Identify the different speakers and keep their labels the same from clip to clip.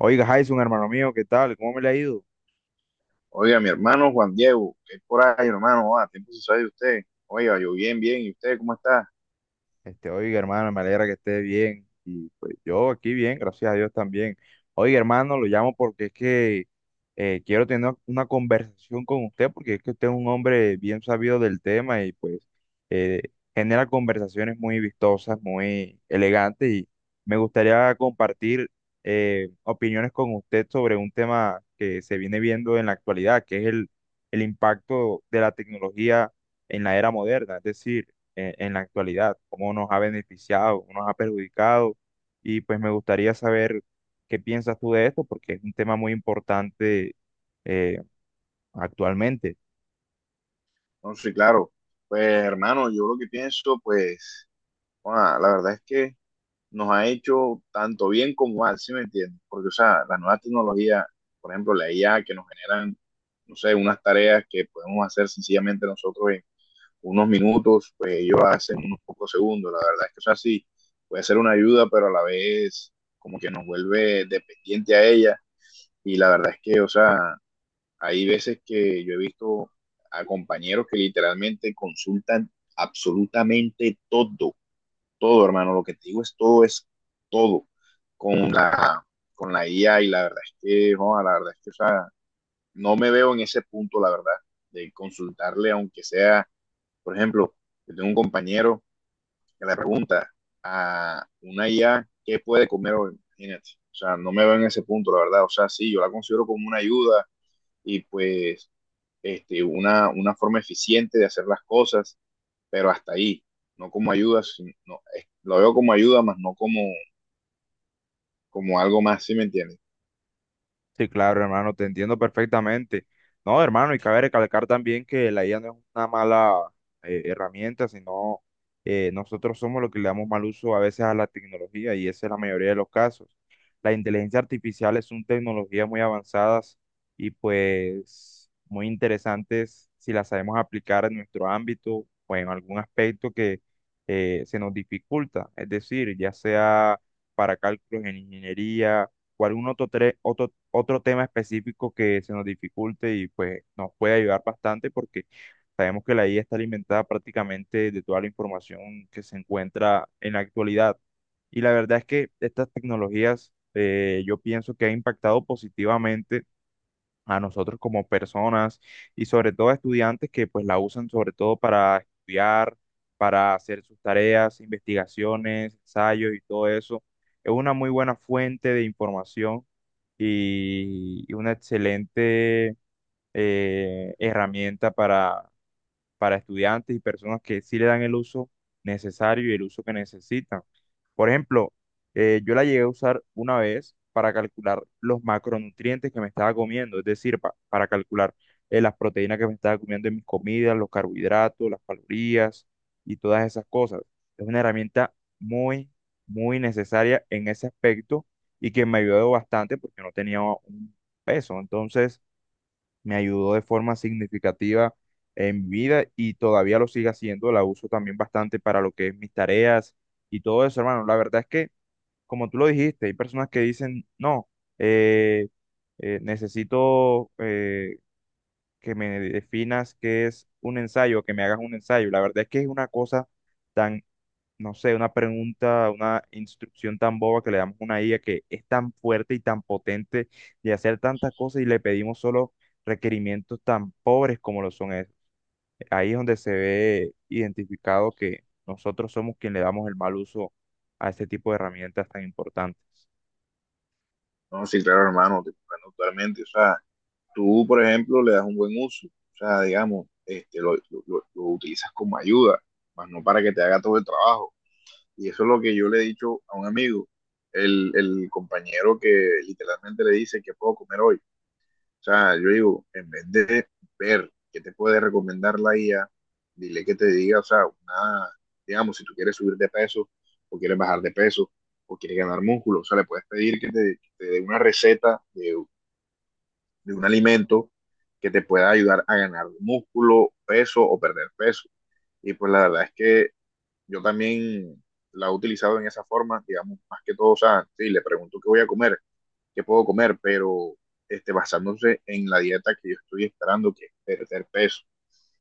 Speaker 1: Oiga, Jason, hermano mío, ¿qué tal? ¿Cómo me le ha ido?
Speaker 2: Oiga, mi hermano Juan Diego, ¿qué es por ahí, hermano? Tiempo se sabe de usted. Oiga, yo bien, bien. ¿Y usted cómo está?
Speaker 1: Oiga, hermano, me alegra que esté bien. Y pues yo aquí bien, gracias a Dios también. Oiga, hermano, lo llamo porque es que quiero tener una conversación con usted, porque es que usted es un hombre bien sabido del tema y pues eh, genera conversaciones muy vistosas, muy elegantes. Y me gustaría compartir opiniones con usted sobre un tema que se viene viendo en la actualidad, que es el impacto de la tecnología en la era moderna. Es decir, en la actualidad, cómo nos ha beneficiado, cómo nos ha perjudicado. Y pues me gustaría saber qué piensas tú de esto, porque es un tema muy importante eh, actualmente.
Speaker 2: No, sí, claro. Pues, hermano, yo lo que pienso, pues, la verdad es que nos ha hecho tanto bien como mal, ¿sí me entiendes? Porque, o sea, las nuevas tecnologías, por ejemplo, la IA que nos generan, no sé, unas tareas que podemos hacer sencillamente nosotros en unos minutos, pues ellos hacen unos pocos segundos. La verdad es que, o sea, sí, puede ser una ayuda, pero a la vez como que nos vuelve dependiente a ella. Y la verdad es que, o sea, hay veces que yo he visto a compañeros que literalmente consultan absolutamente todo, todo, hermano. Lo que te digo es todo con la, con la IA, y la verdad es que, no, la verdad es que, o sea, no me veo en ese punto, la verdad, de consultarle, aunque sea, por ejemplo, yo tengo un compañero que le pregunta a una IA qué puede comer hoy, imagínate. O sea, no me veo en ese punto, la verdad. O sea, sí, yo la considero como una ayuda, y pues una forma eficiente de hacer las cosas, pero hasta ahí, no como ayuda, no, lo veo como ayuda, más no como, como algo más, ¿sí me entiendes?
Speaker 1: Sí, claro, hermano, te entiendo perfectamente. No, hermano, y cabe recalcar también que la IA no es una mala herramienta, sino nosotros somos los que le damos mal uso a veces a la tecnología, y esa es la mayoría de los casos. La inteligencia artificial son tecnologías muy avanzadas y pues muy interesantes si las sabemos aplicar en nuestro ámbito o en algún aspecto que se nos dificulta, es decir, ya sea para cálculos en ingeniería o algún otro tema específico que se nos dificulte, y pues nos puede ayudar bastante porque sabemos que la IA está alimentada prácticamente de toda la información que se encuentra en la actualidad. Y la verdad es que estas tecnologías, yo pienso que han impactado positivamente a nosotros como personas, y sobre todo a estudiantes, que pues la usan sobre todo para estudiar, para hacer sus tareas, investigaciones, ensayos y todo eso. Es una muy buena fuente de información y una excelente herramienta para estudiantes y personas que sí le dan el uso necesario y el uso que necesitan. Por ejemplo, yo la llegué a usar una vez para calcular los macronutrientes que me estaba comiendo, es decir, para calcular las proteínas que me estaba comiendo en mis comidas, los carbohidratos, las calorías y todas esas cosas. Es una herramienta muy necesaria en ese aspecto, y que me ayudó bastante porque no tenía un peso. Entonces, me ayudó de forma significativa en mi vida, y todavía lo sigue haciendo. La uso también bastante para lo que es mis tareas y todo eso, hermano. La verdad es que, como tú lo dijiste, hay personas que dicen, no, eh, necesito que me definas qué es un ensayo, que me hagas un ensayo. La verdad es que es una cosa tan, no sé, una pregunta, una instrucción tan boba que le damos a una IA, que es tan fuerte y tan potente de hacer tantas cosas, y le pedimos solo requerimientos tan pobres como lo son Ahí es donde se ve identificado que nosotros somos quien le damos el mal uso a este tipo de herramientas tan importantes.
Speaker 2: No, sí, claro, hermano, te comprendo totalmente. O sea, tú, por ejemplo, le das un buen uso, o sea, digamos, lo utilizas como ayuda, más no para que te haga todo el trabajo, y eso es lo que yo le he dicho a un amigo, el compañero que literalmente le dice que puedo comer hoy. O sea, yo digo, en vez de ver qué te puede recomendar la IA, dile que te diga, o sea, una, digamos, si tú quieres subir de peso o quieres bajar de peso o quieres ganar músculo, o sea, le puedes pedir que que te dé una receta de un alimento que te pueda ayudar a ganar músculo, peso o perder peso. Y pues la verdad es que yo también la he utilizado en esa forma, digamos, más que todo. O sea, sí, le pregunto qué voy a comer, que puedo comer, pero basándose en la dieta que yo estoy esperando, que es perder peso.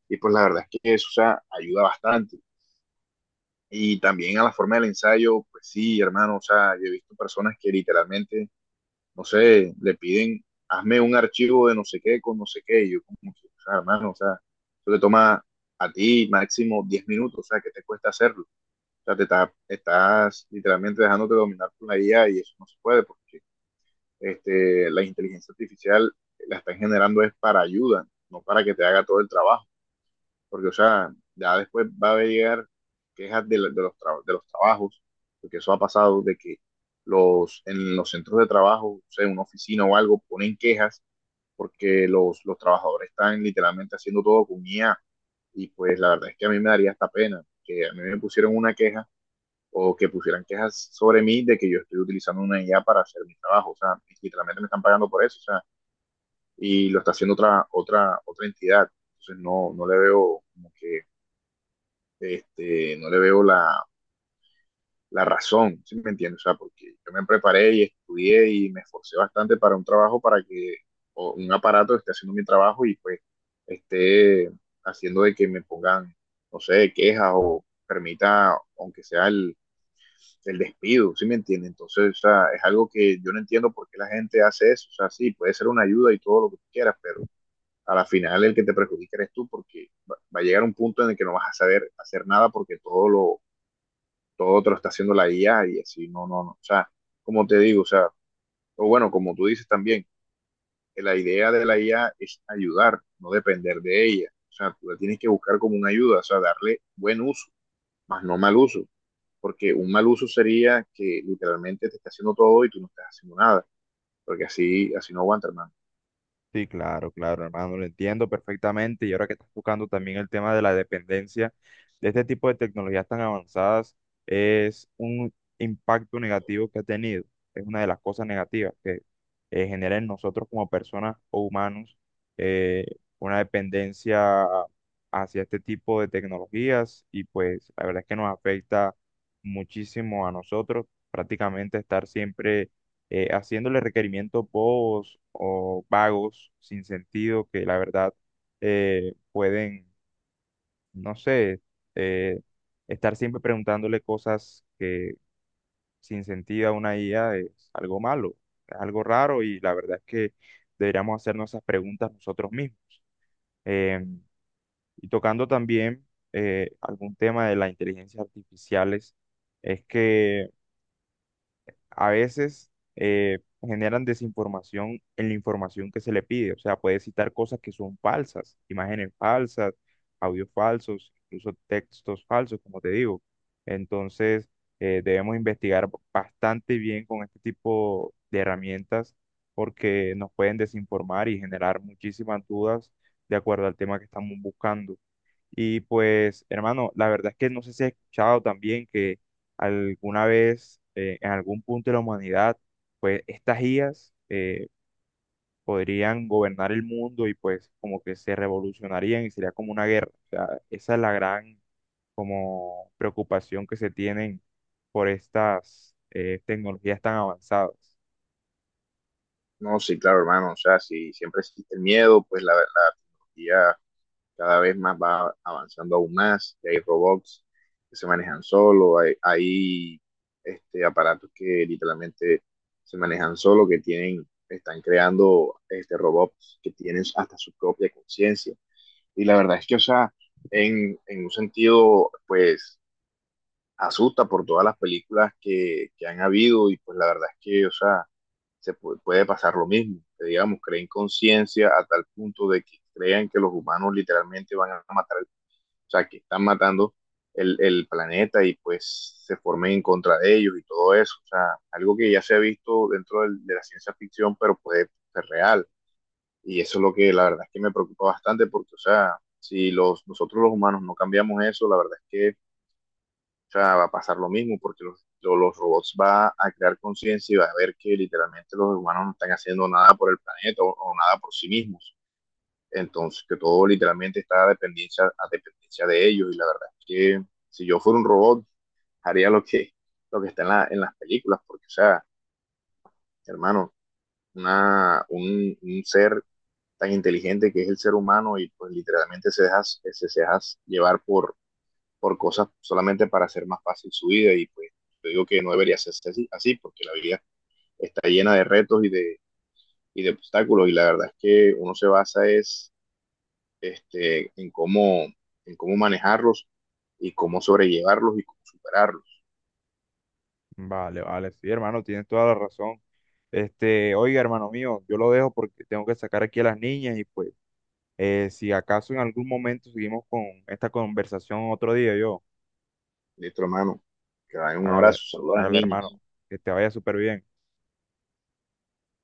Speaker 2: Y pues la verdad es que eso, o sea, ayuda bastante. Y también a la forma del ensayo, pues sí, hermano, o sea, yo he visto personas que literalmente, no sé, le piden, hazme un archivo de no sé qué con no sé qué, y yo como que, o sea, hermano, o sea, eso te toma a ti máximo 10 minutos. O sea, que te cuesta hacerlo. O sea, estás literalmente dejándote dominar por la guía y eso no se puede porque la inteligencia artificial la están generando es para ayuda, no para que te haga todo el trabajo, porque, o sea, ya después va a llegar quejas de de los trabajos, porque eso ha pasado, de que en los centros de trabajo, o sea, en una oficina o algo, ponen quejas porque los trabajadores están literalmente haciendo todo con IA. Y pues la verdad es que a mí me daría esta pena que a mí me pusieron una queja o que pusieran quejas sobre mí de que yo estoy utilizando una IA para hacer mi trabajo. O sea, literalmente me están pagando por eso, o sea, y lo está haciendo otra entidad. Entonces no, no le veo como que, no le veo la razón, ¿sí me entiendes? O sea, porque yo me preparé y estudié y me esforcé bastante para un trabajo para que o un aparato esté haciendo mi trabajo y pues esté haciendo de que me pongan, no sé, quejas o permita, aunque sea el despido, ¿sí me entiende? Entonces, o sea, es algo que yo no entiendo por qué la gente hace eso. O sea, sí, puede ser una ayuda y todo lo que tú quieras, pero a la final el que te perjudica eres tú, porque va a llegar un punto en el que no vas a saber hacer nada, porque todo te lo está haciendo la IA, y así no, no, no. O sea, como te digo, o sea, o bueno, como tú dices también, que la idea de la IA es ayudar, no depender de ella. O sea, tú la tienes que buscar como una ayuda, o sea, darle buen uso, más no mal uso, porque un mal uso sería que literalmente te está haciendo todo y tú no estás haciendo nada, porque así, así no aguanta, hermano.
Speaker 1: Sí, claro, claro, hermano, lo entiendo perfectamente. Y ahora que estás tocando también el tema de la dependencia de este tipo de tecnologías tan avanzadas, es un impacto negativo que ha tenido. Es una de las cosas negativas que genera en nosotros como personas o humanos, eh, una dependencia hacia este tipo de tecnologías. Y pues la verdad es que nos afecta muchísimo a nosotros, prácticamente estar siempre haciéndole requerimientos bobos o vagos, sin sentido, que la verdad pueden, no sé, eh, estar siempre preguntándole cosas que sin sentido a una IA es algo malo, es algo raro, y la verdad es que deberíamos hacernos esas preguntas nosotros mismos. Em, y tocando también algún tema de las inteligencias artificiales, es que a veces generan desinformación en la información que se le pide. O sea, puede citar cosas que son falsas, imágenes falsas, audios falsos, incluso textos falsos, como te digo. Entonces, debemos investigar bastante bien con este tipo de herramientas, porque nos pueden desinformar y generar muchísimas dudas de acuerdo al tema que estamos buscando. Y pues, hermano, la verdad es que no sé si has escuchado también que alguna vez, en algún punto de la humanidad, pues estas IAs podrían gobernar el mundo, y pues como que se revolucionarían y sería como una guerra. O sea, esa es la gran como preocupación que se tienen por estas tecnologías tan avanzadas.
Speaker 2: No, sí, claro, hermano, o sea, si siempre existe el miedo, pues la tecnología cada vez más va avanzando aún más, y hay robots que se manejan solo, hay aparatos que literalmente se manejan solo, que tienen, están creando robots que tienen hasta su propia conciencia. Y la verdad es que, o sea, en un sentido, pues, asusta por todas las películas que han habido, y pues la verdad es que, o sea, se puede, puede pasar lo mismo, que digamos, creen conciencia a tal punto de que crean que los humanos literalmente van a matar, o sea, que están matando el planeta y pues se formen en contra de ellos y todo eso, o sea, algo que ya se ha visto dentro de la ciencia ficción, pero puede ser real. Y eso es lo que la verdad es que me preocupa bastante, porque, o sea, si nosotros los humanos no cambiamos eso, la verdad es que, o sea, va a pasar lo mismo porque los robots van a crear conciencia y va a ver que literalmente los humanos no están haciendo nada por el planeta o nada por sí mismos. Entonces, que todo literalmente está a dependencia de ellos. Y la verdad es que si yo fuera un robot, haría lo que está en, en las películas, porque, o sea, hermano, un ser tan inteligente que es el ser humano y pues literalmente se deja, se deja llevar por cosas solamente para hacer más fácil su vida, y pues yo digo que no debería ser así, así porque la vida está llena de retos y de obstáculos, y la verdad es que uno se basa es este, en, cómo, en cómo manejarlos y cómo sobrellevarlos y cómo superarlos.
Speaker 1: Vale, vale, sí, hermano, tienes toda la razón. Oiga, hermano mío, yo lo dejo porque tengo que sacar aquí a las niñas, y pues, eh, si acaso en algún momento seguimos con esta conversación otro día, yo,
Speaker 2: Listo, hermano. Que vayan, un
Speaker 1: hágale,
Speaker 2: abrazo. Saludos a las
Speaker 1: hágale,
Speaker 2: niñas.
Speaker 1: hermano, que te vaya súper bien.